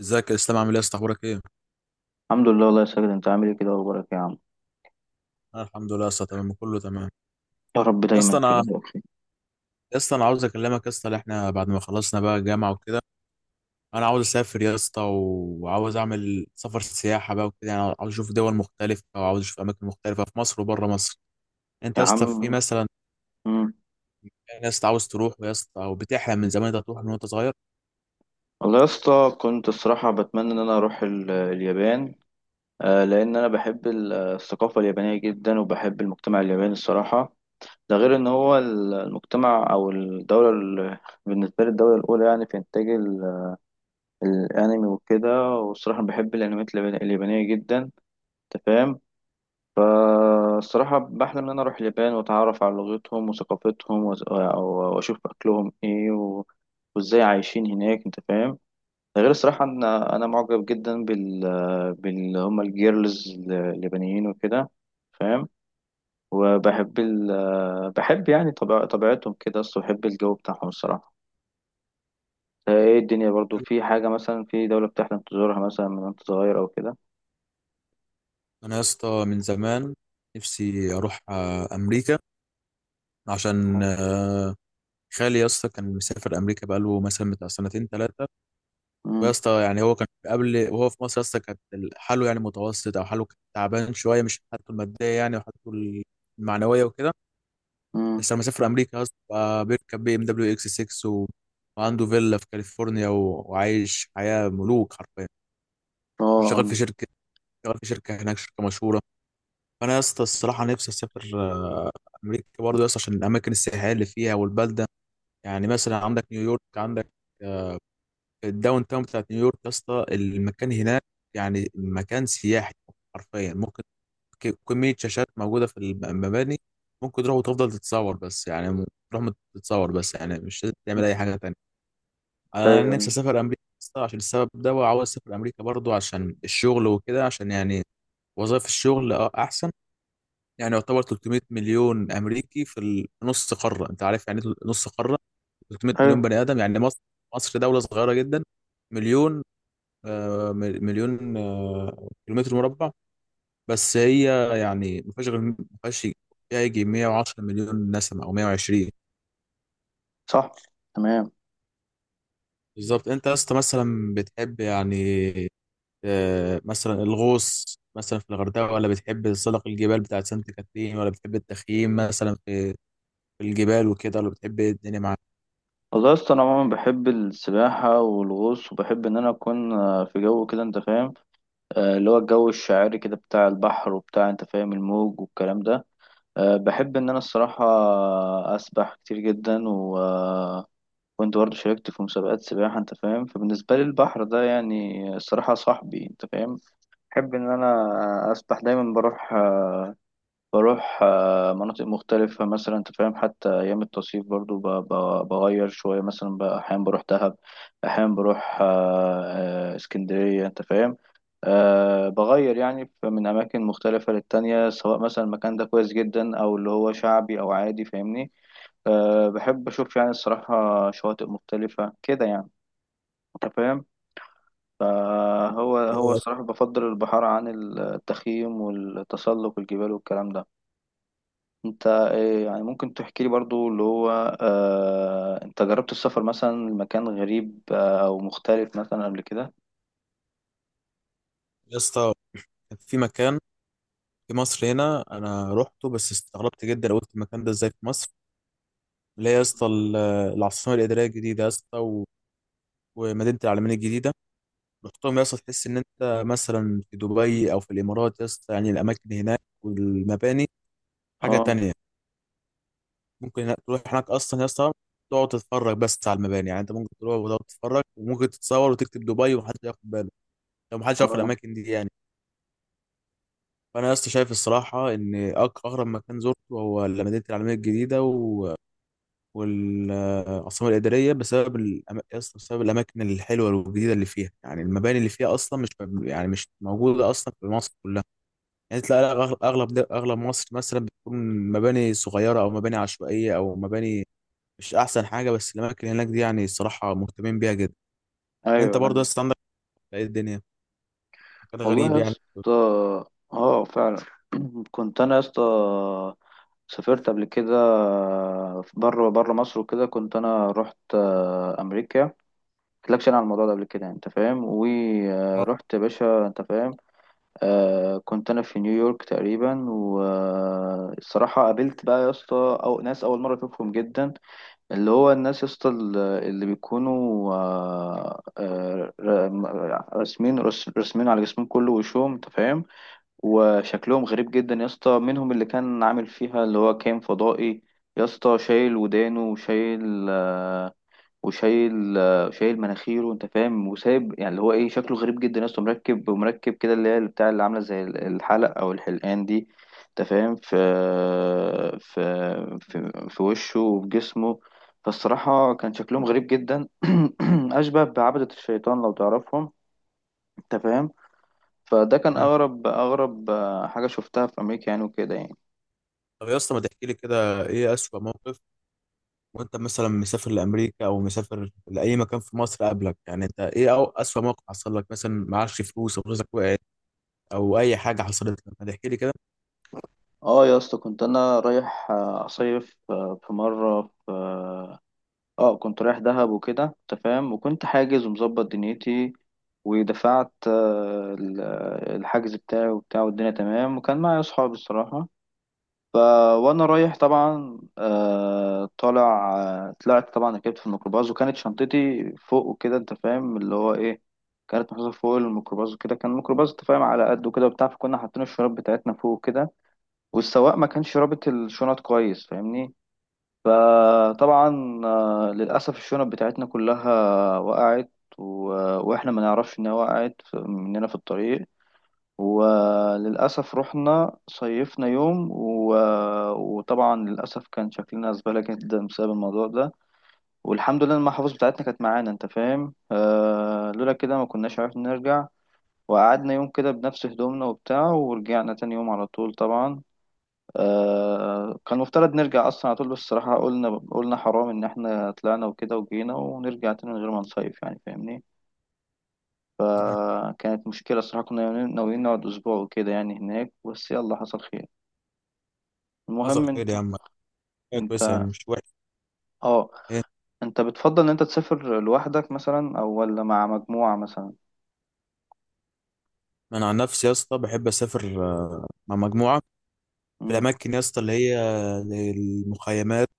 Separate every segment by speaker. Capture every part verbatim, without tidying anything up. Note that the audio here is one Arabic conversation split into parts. Speaker 1: ازيك يا اسلام؟ عامل ايه يا اسطى؟ اخبارك ايه؟
Speaker 2: الحمد لله، والله يا ساجد، انت عامل ايه كده؟ اخبارك يا عم.
Speaker 1: انا الحمد لله يا اسطى، تمام، كله تمام.
Speaker 2: يا رب
Speaker 1: يا اسطى
Speaker 2: دايما كده
Speaker 1: انا،
Speaker 2: تبقى بخير
Speaker 1: يا اسطى انا عاوز اكلمك يا اسطى، اللي احنا بعد ما خلصنا بقى الجامعه وكده، انا عاوز اسافر يا اسطى و- وعاوز اعمل سفر سياحه بقى وكده، يعني عاوز اشوف دول مختلفه وعاوز اشوف اماكن مختلفه في مصر وبره مصر. انت
Speaker 2: يا
Speaker 1: يا
Speaker 2: عم.
Speaker 1: اسطى في مثلا
Speaker 2: مم.
Speaker 1: ناس عاوز تروح يا اسطى او بتحلم من زمان انت تروح من وانت صغير؟
Speaker 2: والله يا اسطى، كنت الصراحة بتمنى ان انا اروح ال- اليابان. آه، لان انا بحب ال- الثقافة اليابانية جدا، وبحب المجتمع الياباني الصراحة. ده غير ان هو ال- المجتمع او الدولة ال- بالنسبة لي الدولة الاولى يعني في انتاج ال- الانمي وكده، والصراحة بحب الانميات اليابان- اليابانية جدا، انت فاهم. فالصراحة بحلم إن أنا أروح اليابان وأتعرف على لغتهم وثقافتهم وز- و- وأشوف أكلهم إيه و... وإزاي عايشين هناك، أنت فاهم. ده غير الصراحة إن أنا معجب جدا بال بال هما الجيرلز اليابانيين وكده، فاهم. وبحب ال... بحب يعني طبيع... طبيعتهم كده، أصل بحب الجو بتاعهم الصراحة. ده إيه الدنيا برضو في حاجة مثلا في دولة بتحلم تزورها مثلا من وأنت صغير أو كده؟
Speaker 1: انا يا اسطى من زمان نفسي اروح آه، امريكا، عشان آه، خالي يا اسطى كان مسافر امريكا بقاله مثلا بتاع سنتين ثلاثه، ويا
Speaker 2: مم.
Speaker 1: اسطى يعني هو كان قبل وهو في مصر يا اسطى كانت حاله يعني متوسط او حاله كان تعبان شويه، مش حالته الماديه يعني، وحالته المعنويه وكده.
Speaker 2: مم.
Speaker 1: بس لما سافر امريكا يا اسطى بقى بيركب بي ام دبليو اكس ستة و... وعنده فيلا في كاليفورنيا و... وعايش حياه ملوك حرفيا،
Speaker 2: آه،
Speaker 1: وشغال في
Speaker 2: آه.
Speaker 1: شركه، شغال في شركه هناك، شركه مشهوره. فانا يا اسطى الصراحه نفسي اسافر آه، امريكا برضه يا اسطى عشان الاماكن السياحيه اللي فيها والبلده، يعني مثلا عندك نيويورك، عندك الداون تاون بتاعت نيويورك يا اسطى، المكان هناك يعني مكان سياحي حرفيا، ممكن ك- كمية شاشات موجودة في الم- المباني. ممكن تروح وتفضل تتصور بس، يعني م- تروح مت- تتصور بس يعني مش لازم تعمل أي حاجة تانية. أنا
Speaker 2: أيوه،
Speaker 1: نفسي أسافر أمريكا يا اسطى عشان السبب ده، وعاوز أسافر أمريكا برضو عشان الشغل وكده، عشان يعني وظائف الشغل أه أحسن. يعني يعتبر تلت مية مليون أمريكي في ال- نص قارة، أنت عارف يعني إيه نص قارة؟ تلت مية
Speaker 2: أيوه،
Speaker 1: مليون بني آدم يعني، مصر، مصر دولة صغيرة جدا، مليون، آه، مل- مليون آه، كيلومتر مربع بس، هي يعني ما فيهاش غير ما فيهاش فيها يجي مائة وعشرة مليون نسمة أو مائة وعشرين.
Speaker 2: صح، تمام.
Speaker 1: بالظبط. أنت يا اسطى مثلا بتحب يعني آه، مثلا الغوص مثلا في الغردقة، ولا بتحب تسلق الجبال بتاعت سانت كاترين، ولا بتحب التخييم مثلا في في الجبال وكده، ولا بتحب إيه الدنيا معاك؟
Speaker 2: والله يا اسطى، انا عموما بحب السباحه والغوص، وبحب ان انا اكون آه، في جو كده، انت فاهم. آه، اللي هو الجو الشاعري كده بتاع البحر وبتاع، انت فاهم، الموج والكلام ده. آه، بحب ان انا الصراحه اسبح كتير جدا، و آه، كنت برضه شاركت في مسابقات سباحه، انت فاهم. فبالنسبه لي البحر ده يعني الصراحه صاحبي، انت فاهم. بحب ان انا اسبح دايما، بروح آه، بروح آه، مناطق مختلفة مثلا، أنت فاهم. حتى أيام التصيف برضو ب- ب- بغير شوية مثلا، بقى أحيانا بروح دهب، أحيانا بروح آه، آه، اسكندرية، أنت فاهم. أه، بغير يعني ف- من أماكن مختلفة للتانية، سواء مثلا المكان ده كويس جدا أو اللي هو شعبي أو عادي، فاهمني. أه، بحب أشوف يعني الصراحة شواطئ مختلفة كده يعني، أنت فاهم. فهو هو الصراحة بفضل البحر عن التخييم والتسلق والجبال والكلام ده. انت إيه يعني؟ ممكن تحكي لي برضو اللي هو آه، انت جربت السفر مثلا لمكان غريب، آه، او مختلف مثلا قبل كده؟
Speaker 1: يا اسطى كان في مكان في مصر هنا أنا روحته بس استغربت جدا، قلت المكان ده إزاي في مصر؟ اللي هي يا اسطى ال- العاصمة الإدارية الجديدة يا اسطى، ومدينه العلمين الجديده. رحتهم يا اسطى تحس ان انت مثلا في دبي او في الامارات يا اسطى، يعني الاماكن هناك والمباني حاجه
Speaker 2: اه.
Speaker 1: تانية. ممكن هناك- تروح هناك اصلا يا اسطى تقعد تتفرج بس على المباني، يعني انت ممكن تروح وتقعد تتفرج وممكن تتصور وتكتب دبي ومحدش ياخد باله لو محدش يعرف
Speaker 2: اه.
Speaker 1: الاماكن دي يعني. فانا يا اسطى شايف الصراحه ان أق- اغرب مكان زرته هو مدينه العلمين الجديده والعاصمة الإدارية، بسبب الأم... أصلاً بسبب الأماكن الحلوة والجديدة اللي فيها، يعني المباني اللي فيها أصلا مش يعني مش موجودة أصلا في مصر كلها. يعني تلاقي أغ- أغلب د- أغلب مصر مثلا بتكون مباني صغيرة أو مباني عشوائية أو مباني مش أحسن حاجة، بس الأماكن هناك دي يعني الصراحة مهتمين بيها جدا.
Speaker 2: ايوه،
Speaker 1: أنت برضه
Speaker 2: ايوه.
Speaker 1: أصلا عندك إيه الدنيا؟ كان
Speaker 2: والله
Speaker 1: غريب
Speaker 2: يا
Speaker 1: يعني.
Speaker 2: اسطى، اه فعلا. كنت انا يا اسطى سافرت قبل كده آه، بره بره مصر وكده، كنت انا رحت آه، امريكا. قلتلكش انا على الموضوع ده قبل كده يعني، انت فاهم.
Speaker 1: آه.
Speaker 2: ورحت يا باشا، انت فاهم. آه، كنت انا في نيويورك تقريبا، والصراحه قابلت بقى يا اسطى او ناس اول مره اشوفهم جدا. اللي هو الناس يا اسطى ال- اللي بيكونوا آه آه ر- راسمين رس- راسمين على جسمهم كله وشهم، انت فاهم. وشكلهم غريب جدا يا اسطى، منهم اللي كان عامل فيها اللي هو كان فضائي يا اسطى، شايل ودانه وشايل آه، وشايل آه، شايل مناخيره، انت فاهم. وسايب يعني اللي هو ايه شكله غريب جدا يا اسطى، مركب مركب كده اللي هي اللي بتاع اللي عامله زي ال- الحلق او الحلقان دي، انت فاهم، في في في, في وشه وفي جسمه. فالصراحه كان شكلهم غريب جدا. اشبه بعبدة الشيطان لو تعرفهم، انت فاهم. فده كان
Speaker 1: مم.
Speaker 2: اغرب اغرب آه، حاجه شفتها في امريكا يعني وكده يعني.
Speaker 1: طب يا اسطى ما تحكي لي كده، إيه أسوأ موقف وانت مثلا مسافر لامريكا او مسافر لاي مكان في مصر قبلك؟ يعني انت ايه او اسوأ موقف حصل لك؟ مثلا معكش فلوس او فلوسك وقعت او اي حاجه حصلت لك، ما تحكي لي كده.
Speaker 2: اه، يا اسطى كنت انا رايح آه، اصيف آه، في مره، في اه كنت رايح دهب وكده، انت فاهم، وكنت حاجز ومظبط دنيتي، ودفعت آه، ال- الحجز بتاعي وبتاع، والدنيا تمام، وكان معايا اصحابي الصراحة. ف وانا رايح طبعا، آه، طالع آه، طلعت طبعا، ركبت في الميكروباص وكانت شنطتي فوق وكده، انت فاهم، اللي هو ايه، كانت محطوطة فوق الميكروباص وكده، كان الميكروباص انت فاهم على قد وكده وبتاع، فكنا حاطين الشراب بتاعتنا فوق وكده، والسواق ما كانش رابط الشنط كويس، فاهمني. فطبعا آه، للأسف الشنط بتاعتنا كلها وقعت، و... وإحنا ما نعرفش إنها وقعت ف- مننا في الطريق. وللأسف رحنا صيفنا يوم، و... وطبعا للأسف كان شكلنا زبالة جدا بسبب الموضوع ده. والحمد لله إن المحافظ بتاعتنا كانت معانا، أنت فاهم، آه، لولا كده ما كناش عرفنا نرجع. وقعدنا يوم كده بنفس هدومنا وبتاع، ورجعنا تاني يوم على طول طبعا. آه، كان المفترض نرجع اصلا على طول، بس الصراحه قلنا قلنا حرام ان احنا طلعنا وكده وجينا ونرجع تاني من غير ما نصيف يعني، فاهمني.
Speaker 1: مم.
Speaker 2: فكانت مشكله الصراحه، كنا ناويين نقعد اسبوع وكده يعني هناك، بس يلا حصل خير.
Speaker 1: حصل
Speaker 2: المهم،
Speaker 1: خير
Speaker 2: انت
Speaker 1: يا عم، حاجه كويسه يعني
Speaker 2: انت
Speaker 1: مش وحش.
Speaker 2: اه
Speaker 1: ايه؟
Speaker 2: انت بتفضل ان انت تسافر لوحدك مثلا، او ولا مع مجموعه مثلا؟
Speaker 1: انا عن نفسي يا اسطى بحب اسافر آه، مع مجموعه، في
Speaker 2: مم.
Speaker 1: الاماكن يا اسطى اللي هي المخيمات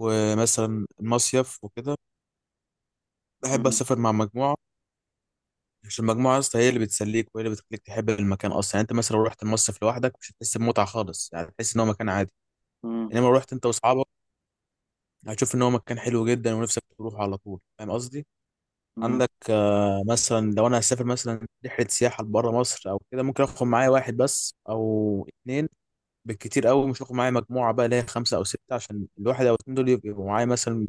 Speaker 1: ومثلا المصيف وكده، بحب
Speaker 2: مم.
Speaker 1: اسافر مع مجموعه، عشان المجموعه يا اسطى هي اللي بتسليك وهي اللي بتخليك تحب المكان اصلا، يعني انت مثلا لو رحت المصيف لوحدك مش هتحس بمتعه خالص، يعني تحس ان هو مكان عادي،
Speaker 2: مم.
Speaker 1: انما لو رحت انت واصحابك هتشوف ان هو مكان حلو جدا ونفسك تروح على طول، فاهم قصدي؟
Speaker 2: مم.
Speaker 1: عندك آه، مثلا لو انا هسافر مثلا رحله سياحه بره مصر او كده ممكن اخد معايا واحد بس او اتنين بالكتير قوي، مش هاخد معايا مجموعه بقى اللي هي خمسه او سته، عشان الواحد او اتنين دول يبقوا معايا مثلا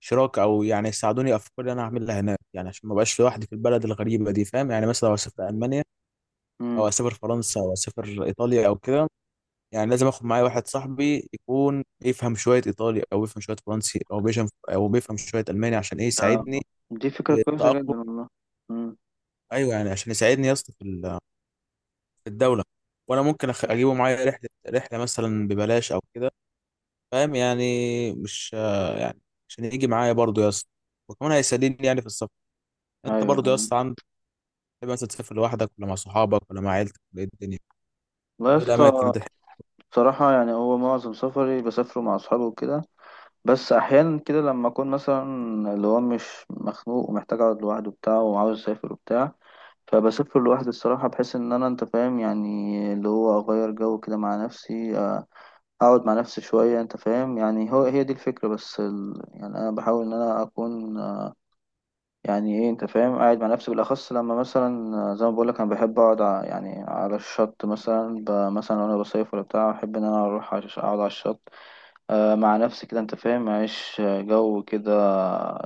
Speaker 1: شراكه، او يعني يساعدوني افكار اللي انا هعملها هناك، يعني عشان ما ابقاش لوحدي في البلد الغريبه دي، فاهم يعني؟ مثلا لو اسافر المانيا او
Speaker 2: مم.
Speaker 1: اسافر فرنسا او اسافر ايطاليا او كده، يعني لازم اخد معايا واحد صاحبي يكون يفهم شويه ايطالي، او يفهم شويه فرنسي، او بيفهم او بيفهم شويه الماني، عشان ايه
Speaker 2: ده-
Speaker 1: يساعدني
Speaker 2: دي فكره
Speaker 1: في
Speaker 2: كويسه
Speaker 1: التاقلم.
Speaker 2: جدا والله. مم.
Speaker 1: ايوه يعني عشان يساعدني يا اسطى في ال- في الدوله، وانا ممكن أخ- اجيبه معايا رحله رحله مثلا ببلاش او كده، فاهم يعني؟ مش آه، يعني، عشان يجي معايا برضه يا اسطى، وكمان هيساعدني يعني في السفر.
Speaker 2: ايوه،
Speaker 1: انت برضه يا
Speaker 2: أيوة.
Speaker 1: اسطى عندك تحب مثلا تسافر لوحدك ولا مع صحابك ولا مع عيلتك ولا ايه الدنيا؟
Speaker 2: لا يا
Speaker 1: وايه الاماكن اللي
Speaker 2: اسطى،
Speaker 1: انت تحب؟
Speaker 2: بصراحة يعني هو معظم سفري بسافره مع أصحابي وكده، بس أحيانا كده لما أكون مثلا اللي هو مش مخنوق ومحتاج أقعد لوحده وبتاع وعاوز أسافر وبتاع، فبسافر لوحدي الصراحة، بحيث إن أنا أنت فاهم يعني اللي هو أغير جو كده مع نفسي، آه، أقعد مع نفسي شوية، أنت فاهم يعني، هو هي دي الفكرة بس. ال... يعني أنا بحاول إن أنا أكون آه، يعني إيه، أنت فاهم، قاعد مع نفسي بالأخص لما مثلا آه، زي ما بقولك أنا بحب أقعد ع- يعني على الشط مثلا، ب... مثلا وأنا بصيف ولا بتاع، أحب إن أنا أروح عش- أقعد على الشط، آه، مع نفسي كده، انت فاهم، معيش جو كده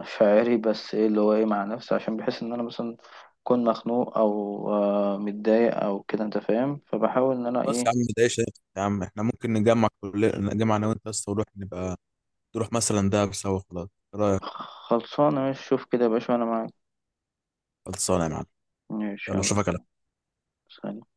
Speaker 2: شاعري، بس ايه اللي هو ايه مع نفسي عشان بحس ان انا مثلا اكون مخنوق او آه، متضايق او كده، انت فاهم، فبحاول ان انا
Speaker 1: خلاص يا
Speaker 2: ايه.
Speaker 1: عم ما تضايقش نفسك يا عم، احنا ممكن نجمع، كل نجمع انا وانت يا اسطى ونروح، نبقى تروح مثلا دهب سوا خلاص، ايه رايك؟
Speaker 2: خلصانه ماشي، شوف كده يا باشا وانا معاك.
Speaker 1: خلصانه يا معلم.
Speaker 2: ماشي،
Speaker 1: يلا
Speaker 2: يلا.
Speaker 1: اشوفك على
Speaker 2: سلام.